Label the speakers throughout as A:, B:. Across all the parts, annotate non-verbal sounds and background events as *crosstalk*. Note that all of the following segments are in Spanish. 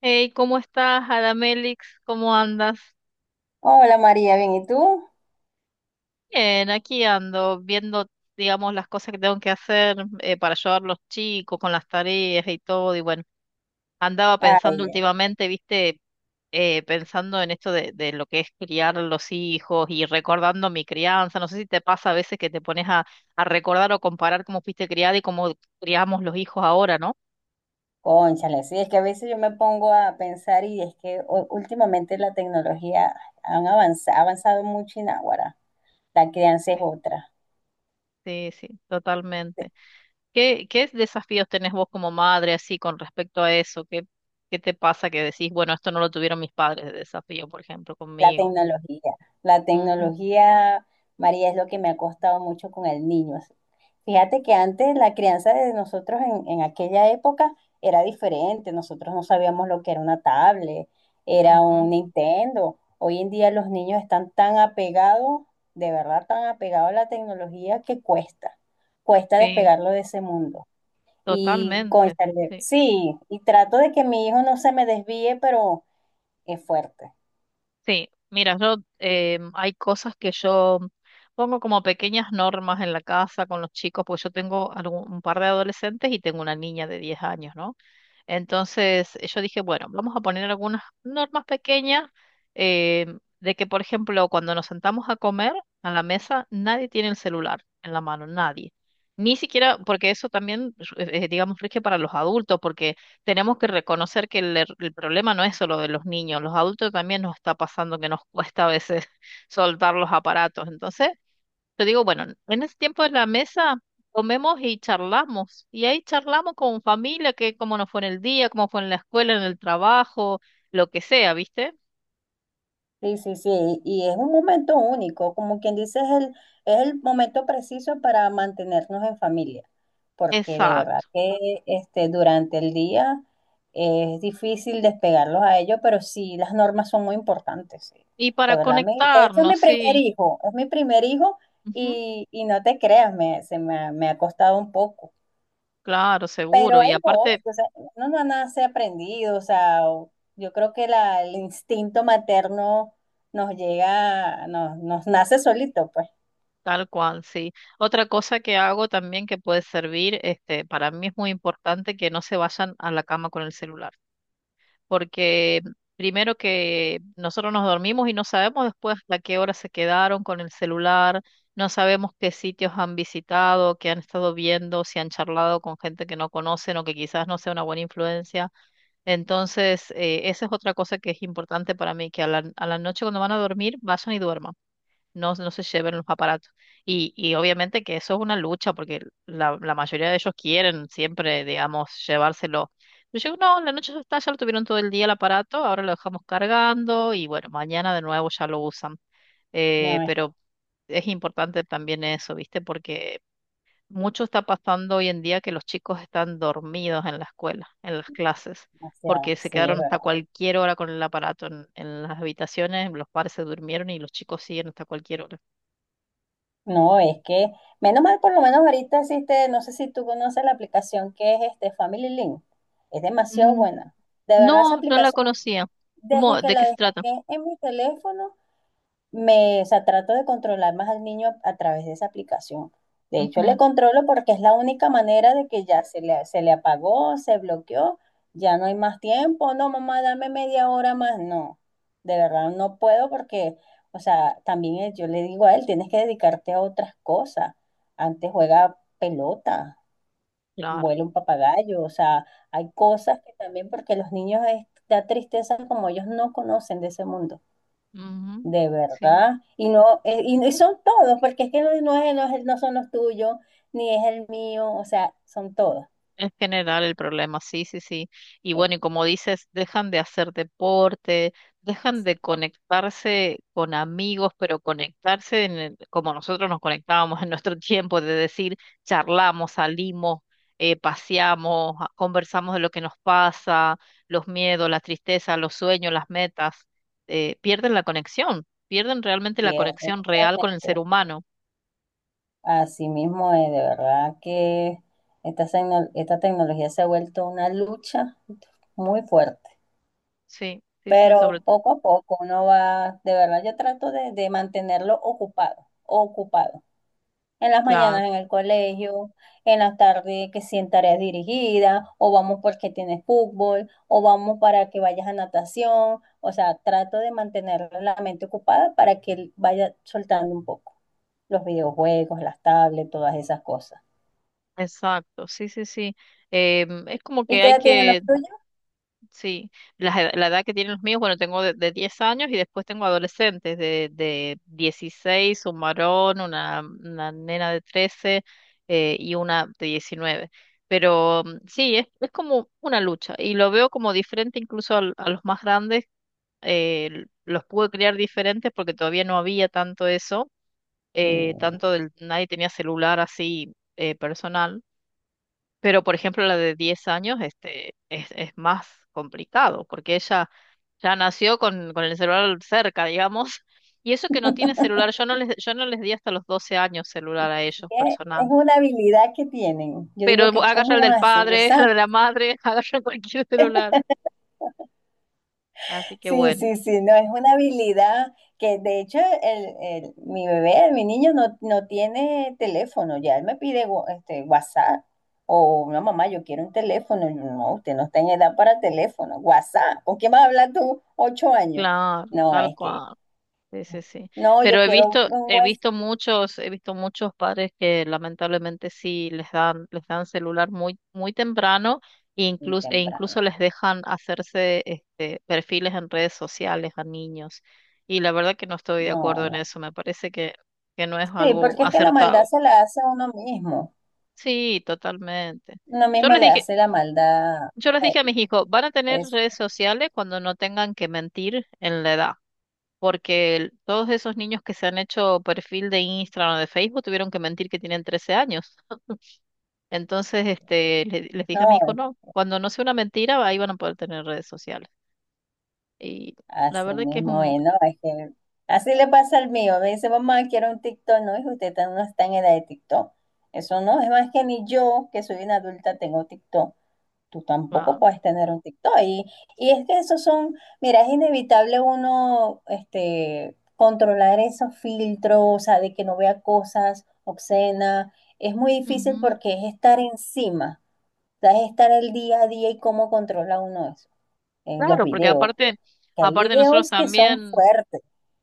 A: Hey, ¿cómo estás, Adamelix? ¿Cómo andas?
B: Hola María, bien, ¿y tú?
A: Bien, aquí ando viendo, digamos, las cosas que tengo que hacer para ayudar a los chicos con las tareas y todo. Y bueno, andaba pensando
B: Ay,
A: últimamente, viste, pensando en esto de lo que es criar a los hijos y recordando mi crianza. No sé si te pasa a veces que te pones a recordar o comparar cómo fuiste criada y cómo criamos los hijos ahora, ¿no?
B: cónchale, sí, es que a veces yo me pongo a pensar y es que últimamente la tecnología ha avanzado mucho y Águara, la crianza es otra.
A: Sí, sí, totalmente. ¿Qué desafíos tenés vos como madre así con respecto a eso? ¿Qué te pasa que decís, bueno, esto no lo tuvieron mis padres de desafío, por ejemplo,
B: La
A: conmigo?
B: tecnología. La
A: Ujú,
B: tecnología, María, es lo que me ha costado mucho con el niño. Fíjate que antes la crianza de nosotros en aquella época era diferente. Nosotros no sabíamos lo que era una tablet, era
A: ujú.
B: un Nintendo. Hoy en día los niños están tan apegados, de verdad tan apegados a la tecnología que cuesta. Cuesta
A: Sí,
B: despegarlo de ese mundo. Y,
A: totalmente.
B: cónchale,
A: Sí.
B: sí, y trato de que mi hijo no se me desvíe, pero es fuerte.
A: Sí, mira, yo hay cosas que yo pongo como pequeñas normas en la casa con los chicos, porque yo tengo un par de adolescentes y tengo una niña de 10 años, ¿no? Entonces yo dije, bueno, vamos a poner algunas normas pequeñas eh, de que, por ejemplo, cuando nos sentamos a comer a la mesa, nadie tiene el celular en la mano, nadie. Ni siquiera, porque eso también, digamos, rige para los adultos, porque tenemos que reconocer que el problema no es solo de los niños, los adultos también nos está pasando que nos *laughs* cuesta a veces *laughs* soltar los aparatos. Entonces, yo digo, bueno, en ese tiempo de la mesa comemos y charlamos, y ahí charlamos con familia, que cómo nos fue en el día, cómo fue en la escuela, en el trabajo, lo que sea, ¿viste?
B: Sí, sí, sí, y es un momento único, como quien dice, es el momento preciso para mantenernos en familia, porque de verdad
A: Exacto.
B: que este, durante el día es difícil despegarlos a ellos, pero sí, las normas son muy importantes, sí.
A: Y
B: De
A: para
B: verdad, de hecho es
A: conectarnos,
B: mi primer
A: sí.
B: hijo, es mi primer hijo
A: Ujú.
B: y no te creas, me ha costado un poco.
A: Claro,
B: Pero
A: seguro. Y
B: ahí voy,
A: aparte.
B: o sea, uno no nace aprendido, o sea, yo creo que el instinto materno nos llega, nos nace solito, pues.
A: Tal cual, sí. Otra cosa que hago también que puede servir, este, para mí es muy importante que no se vayan a la cama con el celular, porque primero que nosotros nos dormimos y no sabemos después a qué hora se quedaron con el celular, no sabemos qué sitios han visitado, qué han estado viendo, si han charlado con gente que no conocen o que quizás no sea una buena influencia. Entonces, esa es otra cosa que es importante para mí, que a la noche cuando van a dormir, vayan y duerman, no, no se lleven los aparatos. Y obviamente que eso es una lucha, porque la mayoría de ellos quieren siempre, digamos, llevárselo. Pero yo digo, no, en la noche ya está, ya lo tuvieron todo el día el aparato, ahora lo dejamos cargando y bueno, mañana de nuevo ya lo usan. Eh,
B: No es
A: pero es importante también eso, ¿viste? Porque mucho está pasando hoy en día que los chicos están dormidos en la escuela, en las clases,
B: demasiado,
A: porque se
B: sí, es
A: quedaron hasta
B: verdad.
A: cualquier hora con el aparato en las habitaciones, los padres se durmieron y los chicos siguen hasta cualquier hora.
B: No, es que, menos mal, por lo menos ahorita existe, no sé si tú conoces la aplicación que es este Family Link, es demasiado
A: Mm.
B: buena. De verdad, esa
A: No, no la
B: aplicación,
A: conocía.
B: desde
A: ¿Cómo?
B: que
A: ¿De
B: la
A: qué se trata?
B: dejé en mi teléfono, me, o sea, trato de controlar más al niño a través de esa aplicación. De hecho, le
A: Ujú,
B: controlo porque es la única manera de que ya se le apagó, se bloqueó, ya no hay más tiempo. No, mamá, dame media hora más. No, de verdad no puedo porque, o sea, también yo le digo a él, tienes que dedicarte a otras cosas. Antes juega pelota,
A: claro.
B: vuela un papagayo, o sea, hay cosas que también porque los niños es, da tristeza como ellos no conocen de ese mundo.
A: Ujú,
B: De
A: sí.
B: verdad. Y no, y son todos, porque es que no, no es, no son los tuyos, ni es el mío, o sea, son todos.
A: En general el problema, sí, sí, sí. Y
B: Eh,
A: bueno, y como dices, dejan de hacer deporte, dejan de conectarse con amigos, pero conectarse en como nosotros nos conectábamos en nuestro *laughs* tiempo, de decir, charlamos, salimos, paseamos, conversamos de lo que nos pasa, los miedos, las tristezas, los sueños, las metas. Pierden la conexión, pierden realmente la
B: pierde
A: conexión real con el ser
B: totalmente.
A: humano.
B: Así mismo es, de verdad que esta tecnología se ha vuelto una lucha muy fuerte.
A: Sí, sí, sí, sobre.
B: Pero poco a poco uno va, de verdad, yo trato de mantenerlo ocupado, ocupado. En las mañanas en el colegio, en las tardes que sí en tareas dirigidas, o vamos porque tienes fútbol, o vamos para que vayas a natación. O sea, trato de mantener la mente ocupada para que él vaya soltando un poco los videojuegos, las tablets, todas esas cosas.
A: Exacto, sí, sí, sí. Es como
B: ¿Y
A: que
B: qué
A: hay
B: edad tienen los
A: que.
B: tuyos?
A: Sí, la edad que tienen los míos, bueno, tengo de 10 años y después tengo adolescentes de 16, un varón, una nena de 13, y una de 19. Pero sí, es como una lucha y lo veo como diferente incluso a los más grandes. Los pude criar diferentes porque todavía no había tanto eso.
B: Sí.
A: Nadie tenía celular así. Personal, pero, por ejemplo, la de 10 años, este, es más complicado, porque ella ya nació con el celular cerca, digamos, *laughs* y eso que no tiene celular, yo no les di hasta los 12 años celular a ellos
B: Es
A: personal,
B: una habilidad que tienen. Yo
A: pero
B: digo que,
A: agarra el
B: ¿cómo
A: del
B: hacen? Dios
A: padre, *laughs* el
B: sabe.
A: de la madre, *laughs* agarra cualquier celular, así que
B: Sí,
A: bueno,
B: sí, sí, no, es una habilidad que de hecho mi bebé, mi niño no, no tiene teléfono, ya él me pide este, WhatsApp o no mamá, yo quiero un teléfono, yo, no, usted no está en edad para teléfono, WhatsApp, ¿con quién vas a hablar tú? 8 años.
A: claro,
B: No,
A: tal
B: es que,
A: cual. Sí, sí, sí.
B: no, yo
A: Pero
B: quiero un WhatsApp
A: he visto muchos padres que lamentablemente sí les dan celular muy, muy temprano, e
B: muy
A: incluso, e incluso
B: temprano,
A: les dejan hacerse este perfiles en redes sociales a niños. Y la verdad que no estoy
B: no,
A: de acuerdo en
B: no.
A: eso, me parece que no es
B: Sí,
A: algo
B: porque es que la maldad
A: acertado.
B: se la hace a
A: Sí, totalmente.
B: uno
A: Yo
B: mismo
A: les
B: le
A: dije,
B: hace la maldad
A: yo les
B: a
A: dije a
B: él.
A: mis hijos, van a tener
B: Es,
A: redes sociales cuando no tengan que mentir en la edad. Porque todos esos niños que se han hecho perfil de Instagram o de Facebook tuvieron que mentir que tienen 13 años. Entonces, este, les dije a mi hijo,
B: no,
A: no, cuando no sea una mentira, ahí van a poder tener redes sociales. Y la
B: así
A: verdad que es
B: mismo,
A: un...
B: es, ¿no? Es que así le pasa al mío. Me dice, mamá, quiero un TikTok. No, hijo, usted no está en edad de TikTok. Eso no, es más que ni yo, que soy una adulta, tengo TikTok. Tú tampoco
A: una-
B: puedes tener un TikTok. Y es que esos son, mira, es inevitable uno este, controlar esos filtros, o sea, de que no vea cosas obscenas. Es muy difícil
A: Ujú.
B: porque es estar encima, o sea, es estar el día a día y cómo controla uno eso en los
A: Claro, porque
B: videos,
A: aparte,
B: que hay
A: aparte nosotros
B: videos que son
A: también,
B: fuertes.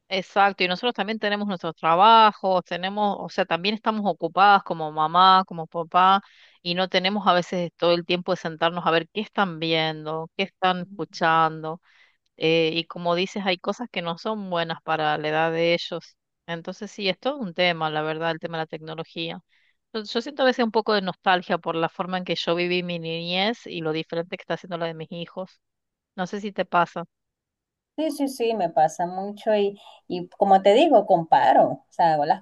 A: exacto, y nosotros también tenemos nuestros trabajos, tenemos, o sea, también estamos ocupadas como mamá, como papá, y no tenemos a veces todo el tiempo de sentarnos a ver qué están viendo, qué están escuchando. Y como dices, hay cosas que no son buenas para la edad de ellos. Entonces sí, es todo un tema, la verdad, el tema de la tecnología. Yo siento a veces un poco de nostalgia por la forma en que yo viví mi niñez y lo diferente que está haciendo la de mis hijos. No sé si te pasa.
B: Sí, sí, sí, me pasa mucho y como te digo, comparo, o sea, hago las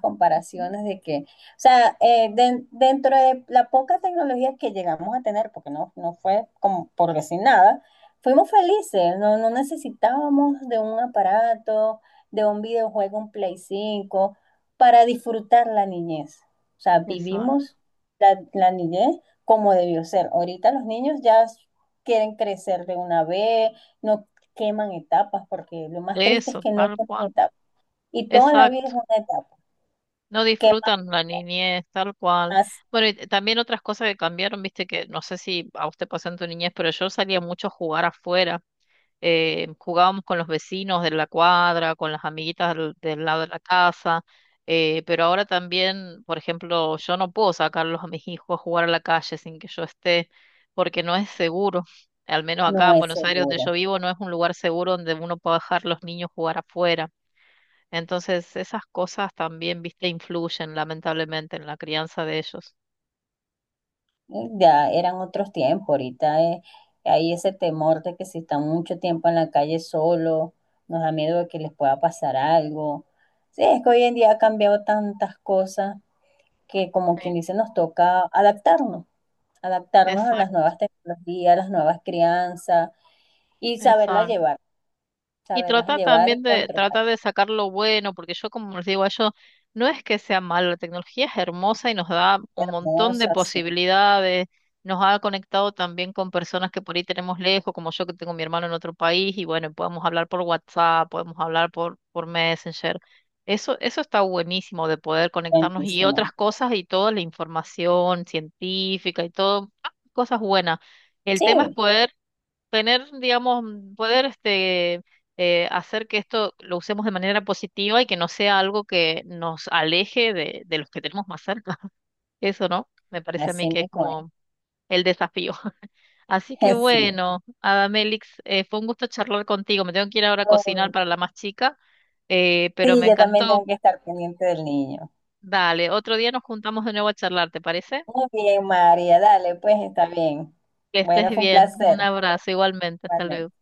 A: Mm.
B: comparaciones de que, o sea, dentro de la poca tecnología que llegamos a tener, porque no, no fue como por sin nada, fuimos felices, no, no necesitábamos de un aparato, de un videojuego, un Play 5 para disfrutar la niñez. O sea,
A: Exacto.
B: vivimos la, la niñez como debió ser. Ahorita los niños ya quieren crecer de una vez. No queman etapas, porque lo más triste es
A: Eso,
B: que no
A: tal cual.
B: queman etapas. Y toda la vida
A: Exacto.
B: es una etapa.
A: No
B: Quemar
A: disfrutan la niñez, tal cual.
B: más
A: Bueno, y también otras cosas que cambiaron, viste, que no sé si a usted pasó en tu niñez, pero yo salía mucho a jugar afuera, jugábamos con los vecinos de la cuadra, con las amiguitas del, del lado de la casa, pero ahora también, por ejemplo, yo no puedo sacarlos a mis hijos a jugar a la calle sin que yo esté, porque no es seguro. Al menos acá
B: no
A: en
B: es
A: Buenos Aires, donde yo
B: seguro.
A: vivo, no es un lugar seguro donde uno pueda dejar los niños jugar afuera. Entonces, esas cosas también, viste, influyen lamentablemente en la crianza de ellos.
B: Ya eran otros tiempos, ahorita hay ese temor de que si están mucho tiempo en la calle solo, nos da miedo de que les pueda pasar algo. Sí, es que hoy en día ha cambiado tantas cosas que como quien
A: Sí,
B: dice nos toca adaptarnos, adaptarnos a las
A: exacto.
B: nuevas tecnologías, a las nuevas crianzas y
A: Y
B: saberlas
A: trata
B: llevar y
A: también de,
B: controlar.
A: trata de sacar lo bueno, porque yo como les digo a ellos, no es que sea malo, la tecnología es hermosa y nos da un montón de
B: Hermosas, sí.
A: posibilidades, nos ha conectado también con personas que por ahí tenemos lejos, como yo que tengo a mi hermano en otro país, y bueno, podemos hablar por WhatsApp, podemos hablar por Messenger. Eso está buenísimo de poder conectarnos y
B: Buenísimo.
A: otras cosas y toda la información científica y todo, ah, cosas buenas. El tema es
B: Sí,
A: poder tener, digamos, poder este, hacer que esto lo usemos de manera positiva y que no sea algo que nos aleje de los que tenemos más cerca. *laughs* Eso, ¿no? Me parece a mí
B: así
A: que es
B: mismo es.
A: como el desafío. *laughs* Así que
B: *laughs* Sí.
A: bueno, Adamelix, fue un gusto charlar contigo. Me tengo que ir ahora a cocinar
B: Muy-
A: para la más chica, pero
B: Sí,
A: me
B: yo también
A: encantó.
B: tengo que estar pendiente del niño.
A: Dale, otro día nos juntamos de nuevo a charlar, ¿te parece?
B: Muy bien, María, dale, pues está bien.
A: Que estés
B: Bueno, fue un
A: bien.
B: placer.
A: Un abrazo igualmente. Hasta luego.
B: Igualmente.